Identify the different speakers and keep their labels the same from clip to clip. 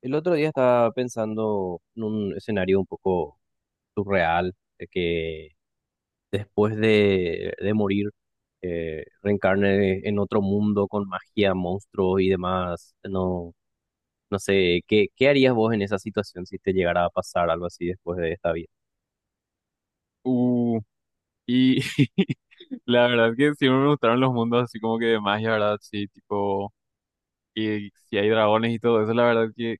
Speaker 1: El otro día estaba pensando en un escenario un poco surreal, de que después de morir reencarne en otro mundo con magia, monstruos y demás. No, no sé, ¿qué harías vos en esa situación si te llegara a pasar algo así después de esta vida?
Speaker 2: Uh, y la verdad que siempre me gustaron los mundos así como que de magia, ¿verdad? Sí, tipo, y si hay dragones y todo eso, la verdad que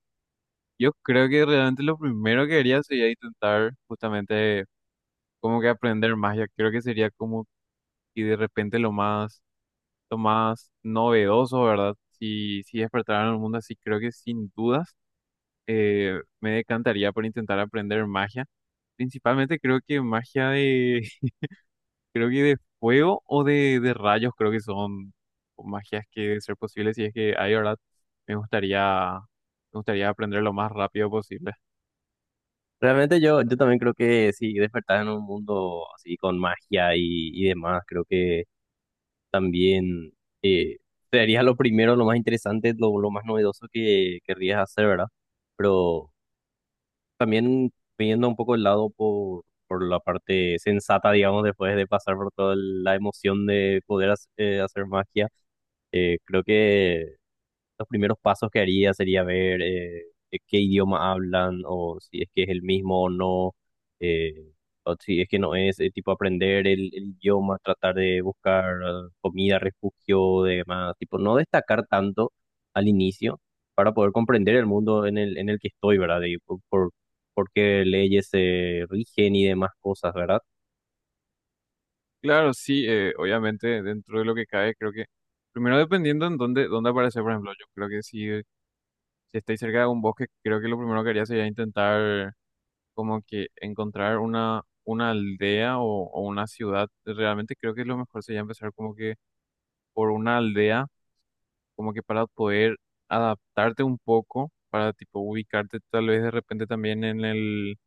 Speaker 2: yo creo que realmente lo primero que haría sería intentar justamente como que aprender magia. Creo que sería como y de repente lo más novedoso, ¿verdad? Si, si despertaran en el mundo así, creo que sin dudas me decantaría por intentar aprender magia. Principalmente creo que magia de, creo que de fuego o de rayos, creo que son magias que deben ser posibles. Y es que ahí, ¿verdad? Me gustaría, me gustaría aprender lo más rápido posible.
Speaker 1: Realmente yo también creo que si despertás en un mundo así con magia y demás, creo que también, eh, sería lo primero, lo más interesante, lo más novedoso que querrías hacer, ¿verdad? Pero también viendo un poco el lado por la parte sensata, digamos, después de pasar por toda la emoción de poder hacer magia, creo que los primeros pasos que haría sería ver qué idioma hablan o si es que es el mismo o no, eh, o si es que no es, tipo aprender el idioma, tratar de buscar comida, refugio, demás, tipo no destacar tanto al inicio para poder comprender el mundo en el que estoy, ¿verdad? Y por qué leyes se rigen y demás cosas, ¿verdad?
Speaker 2: Claro, sí, obviamente, dentro de lo que cae, creo que. Primero, dependiendo en dónde, dónde aparece, por ejemplo, yo creo que si, si estoy cerca de un bosque, creo que lo primero que haría sería intentar, como que, encontrar una aldea o una ciudad. Realmente, creo que lo mejor sería empezar, como que, por una aldea como que para poder adaptarte un poco, para tipo ubicarte tal vez de repente también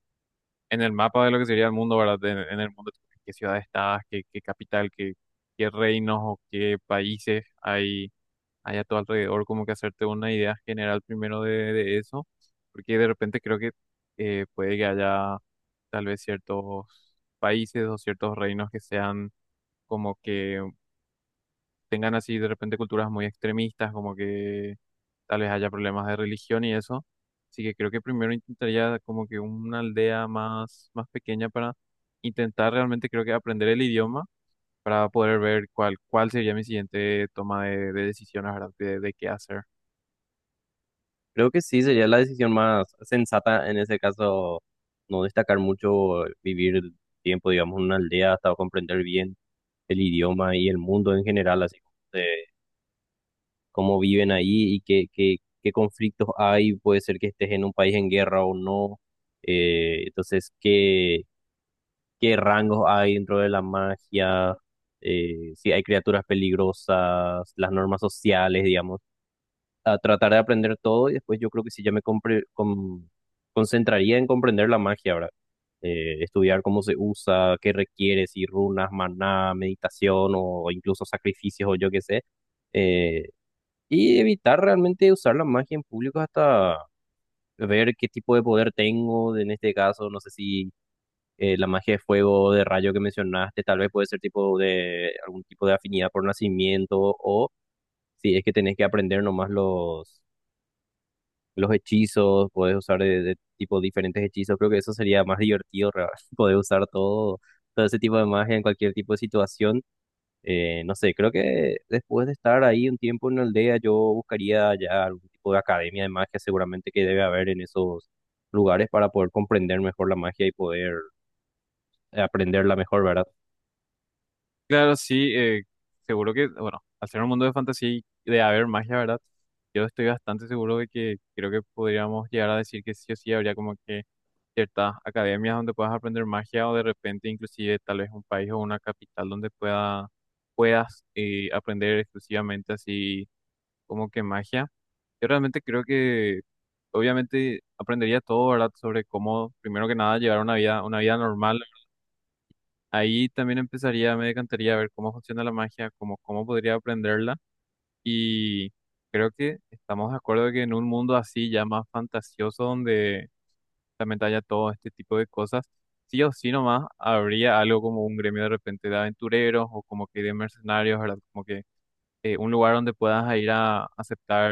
Speaker 2: en el mapa de lo que sería el mundo, ¿verdad? En el mundo, tipo, qué ciudad estás, qué, qué capital, qué, qué reinos o qué países hay, hay a tu alrededor, como que hacerte una idea general primero de eso, porque de repente creo que puede que haya tal vez ciertos países o ciertos reinos que sean como que tengan así de repente culturas muy extremistas, como que tal vez haya problemas de religión y eso. Así que creo que primero intentaría como que una aldea más, más pequeña para intentar realmente creo que aprender el idioma para poder ver cuál, cuál sería mi siguiente toma de decisiones, ¿verdad? De qué hacer.
Speaker 1: Creo que sí, sería la decisión más sensata en ese caso, no destacar mucho, vivir el tiempo, digamos, en una aldea hasta comprender bien el idioma y el mundo en general, así como cómo viven ahí y qué conflictos hay, puede ser que estés en un país en guerra o no, entonces qué rangos hay dentro de la magia, si hay criaturas peligrosas, las normas sociales, digamos a tratar de aprender todo y después yo creo que sí ya me concentraría en comprender la magia, ¿verdad? Estudiar cómo se usa, qué requiere, si runas, maná, meditación o incluso sacrificios o yo qué sé. Eh, y evitar realmente usar la magia en público hasta ver qué tipo de poder tengo, en este caso, no sé si, la magia de fuego o de rayo que mencionaste, tal vez puede ser tipo de algún tipo de afinidad por nacimiento o si es que tenés que aprender nomás los hechizos, puedes usar de tipo diferentes hechizos, creo que eso sería más divertido, re- poder usar todo, todo ese tipo de magia en cualquier tipo de situación. No sé, creo que después de estar ahí un tiempo en la aldea, yo buscaría ya algún tipo de academia de magia, seguramente que debe haber en esos lugares para poder comprender mejor la magia y poder aprenderla mejor, ¿verdad?
Speaker 2: Claro, sí, seguro que, bueno, al ser un mundo de fantasía y de haber magia, ¿verdad? Yo estoy bastante seguro de que creo que podríamos llegar a decir que sí o sí habría como que ciertas academias donde puedas aprender magia o de repente inclusive tal vez un país o una capital donde pueda, puedas aprender exclusivamente así como que magia. Yo realmente creo que obviamente aprendería todo, ¿verdad? Sobre cómo, primero que nada, llevar una vida normal. Ahí también empezaría, me decantaría a ver cómo funciona la magia, cómo, cómo podría aprenderla. Y creo que estamos de acuerdo que en un mundo así ya más fantasioso donde realmente haya todo este tipo de cosas, sí o sí nomás habría algo como un gremio de repente de aventureros o como que de mercenarios, ¿verdad? Como que un lugar donde puedas ir a aceptar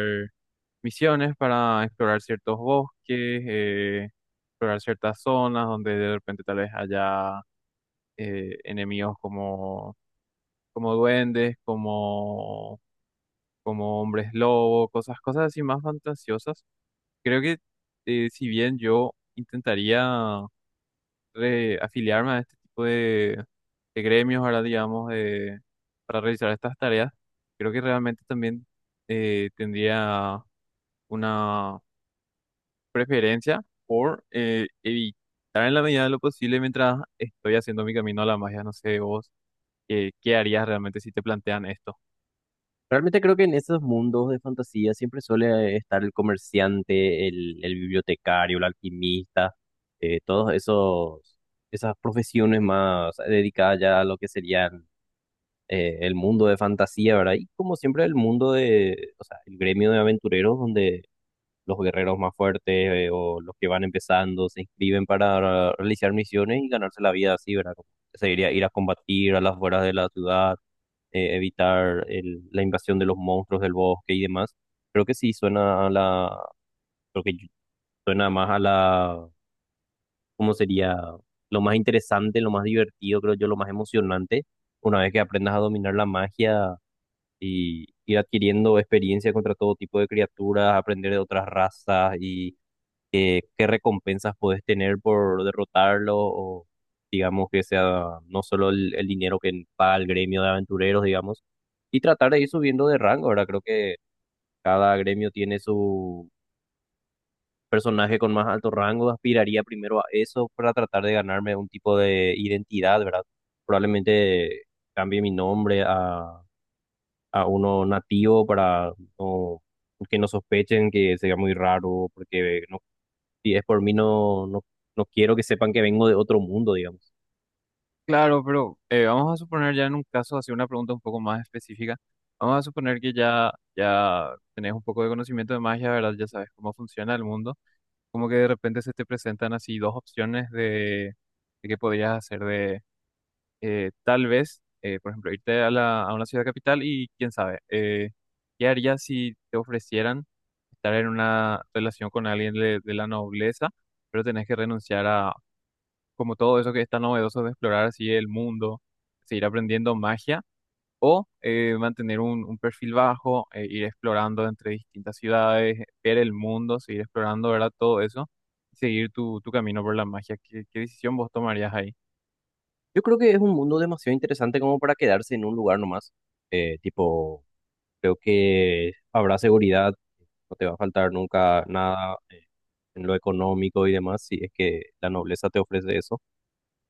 Speaker 2: misiones para explorar ciertos bosques, explorar ciertas zonas donde de repente tal vez haya enemigos como, como duendes, como, como hombres lobo, cosas, cosas así más fantasiosas. Creo que si bien yo intentaría afiliarme a este tipo de gremios, ahora digamos, de, para realizar estas tareas, creo que realmente también tendría una preferencia por evitar en la medida de lo posible mientras estoy haciendo mi camino a la magia. No sé, vos, ¿qué harías realmente si te plantean esto?
Speaker 1: Realmente creo que en esos mundos de fantasía siempre suele estar el comerciante, el bibliotecario, el alquimista, todos esos, esas profesiones más dedicadas ya a lo que serían, el mundo de fantasía, ¿verdad? Y como siempre el mundo de, o sea, el gremio de aventureros donde los guerreros más fuertes, o los que van empezando se inscriben para realizar misiones y ganarse la vida así, ¿verdad? Como se diría ir a combatir a las afueras de la ciudad, evitar la invasión de los monstruos del bosque y demás. Creo que sí suena a la, creo que suena más a la, ¿cómo sería? Lo más interesante, lo más divertido, creo yo, lo más emocionante, una vez que aprendas a dominar la magia y ir adquiriendo experiencia contra todo tipo de criaturas, aprender de otras razas y, qué recompensas puedes tener por derrotarlo o digamos que sea no solo el dinero que paga el gremio de aventureros, digamos, y tratar de ir subiendo de rango, ¿verdad? Creo que cada gremio tiene su personaje con más alto rango, aspiraría primero a eso para tratar de ganarme un tipo de identidad, ¿verdad? Probablemente cambie mi nombre a uno nativo para no que no sospechen que sea muy raro porque no, si es por mí, no, no, no quiero que sepan que vengo de otro mundo, digamos.
Speaker 2: Claro, pero vamos a suponer ya en un caso, hacer una pregunta un poco más específica. Vamos a suponer que ya, ya tenés un poco de conocimiento de magia, ¿verdad? Ya sabes cómo funciona el mundo. Como que de repente se te presentan así dos opciones de qué podrías hacer de tal vez, por ejemplo, irte a la, a una ciudad capital y quién sabe, ¿qué harías si te ofrecieran estar en una relación con alguien de la nobleza, pero tenés que renunciar a como todo eso que está novedoso de explorar así el mundo, seguir aprendiendo magia? ¿O mantener un perfil bajo, ir explorando entre distintas ciudades, ver el mundo, seguir explorando, ¿verdad? Todo eso y seguir tu, tu camino por la magia. ¿Qué, qué decisión vos tomarías ahí?
Speaker 1: Yo creo que es un mundo demasiado interesante como para quedarse en un lugar nomás. Tipo, creo que habrá seguridad, no te va a faltar nunca nada, en lo económico y demás, si es que la nobleza te ofrece eso.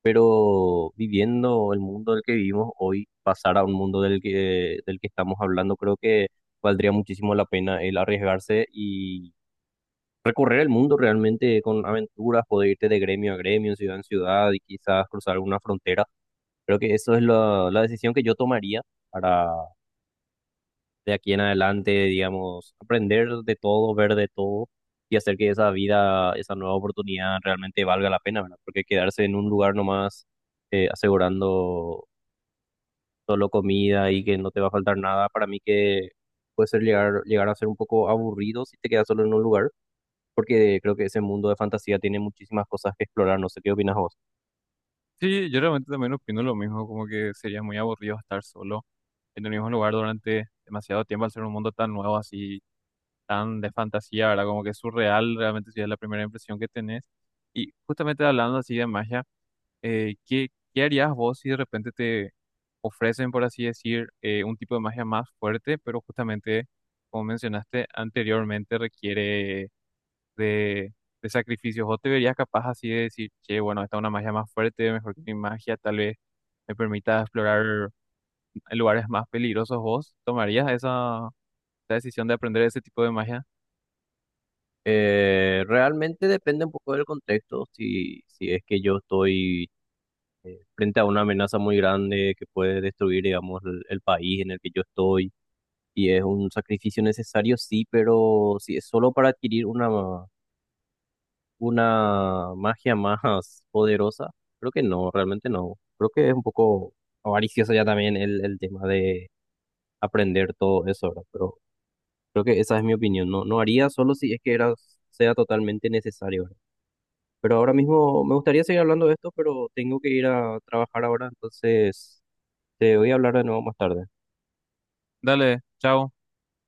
Speaker 1: Pero viviendo el mundo del que vivimos hoy, pasar a un mundo del que estamos hablando, creo que valdría muchísimo la pena el arriesgarse y recorrer el mundo realmente con aventuras, poder irte de gremio a gremio, ciudad en ciudad y quizás cruzar alguna frontera. Creo que eso es la, la decisión que yo tomaría para de aquí en adelante, digamos, aprender de todo, ver de todo y hacer que esa vida, esa nueva oportunidad realmente valga la pena, ¿verdad? Porque quedarse en un lugar nomás, asegurando solo comida y que no te va a faltar nada, para mí que puede ser llegar, llegar a ser un poco aburrido si te quedas solo en un lugar, porque creo que ese mundo de fantasía tiene muchísimas cosas que explorar, no sé qué opinas vos.
Speaker 2: Sí, yo realmente también opino lo mismo, como que sería muy aburrido estar solo en el mismo lugar durante demasiado tiempo al ser un mundo tan nuevo, así, tan de fantasía, ¿verdad? Como que es surreal, realmente sería la primera impresión que tenés. Y justamente hablando así de magia, ¿qué, qué harías vos si de repente te ofrecen, por así decir, un tipo de magia más fuerte, pero justamente, como mencionaste anteriormente, requiere de, de sacrificios? ¿Vos te verías capaz así de decir, che, bueno, esta es una magia más fuerte, mejor que mi magia, tal vez me permita explorar lugares más peligrosos? ¿Vos tomarías esa, esa decisión de aprender ese tipo de magia?
Speaker 1: Realmente depende un poco del contexto, si es que yo estoy frente a una amenaza muy grande que puede destruir, digamos, el país en el que yo estoy, y es un sacrificio necesario, sí, pero si es solo para adquirir una magia más poderosa, creo que no, realmente no. Creo que es un poco avaricioso ya también el tema de aprender todo eso, ¿verdad? Pero creo que esa es mi opinión. No, no haría solo si es que era, sea totalmente necesario, ¿verdad? Pero ahora mismo me gustaría seguir hablando de esto, pero tengo que ir a trabajar ahora, entonces te voy a hablar de nuevo más tarde.
Speaker 2: Dale, chao.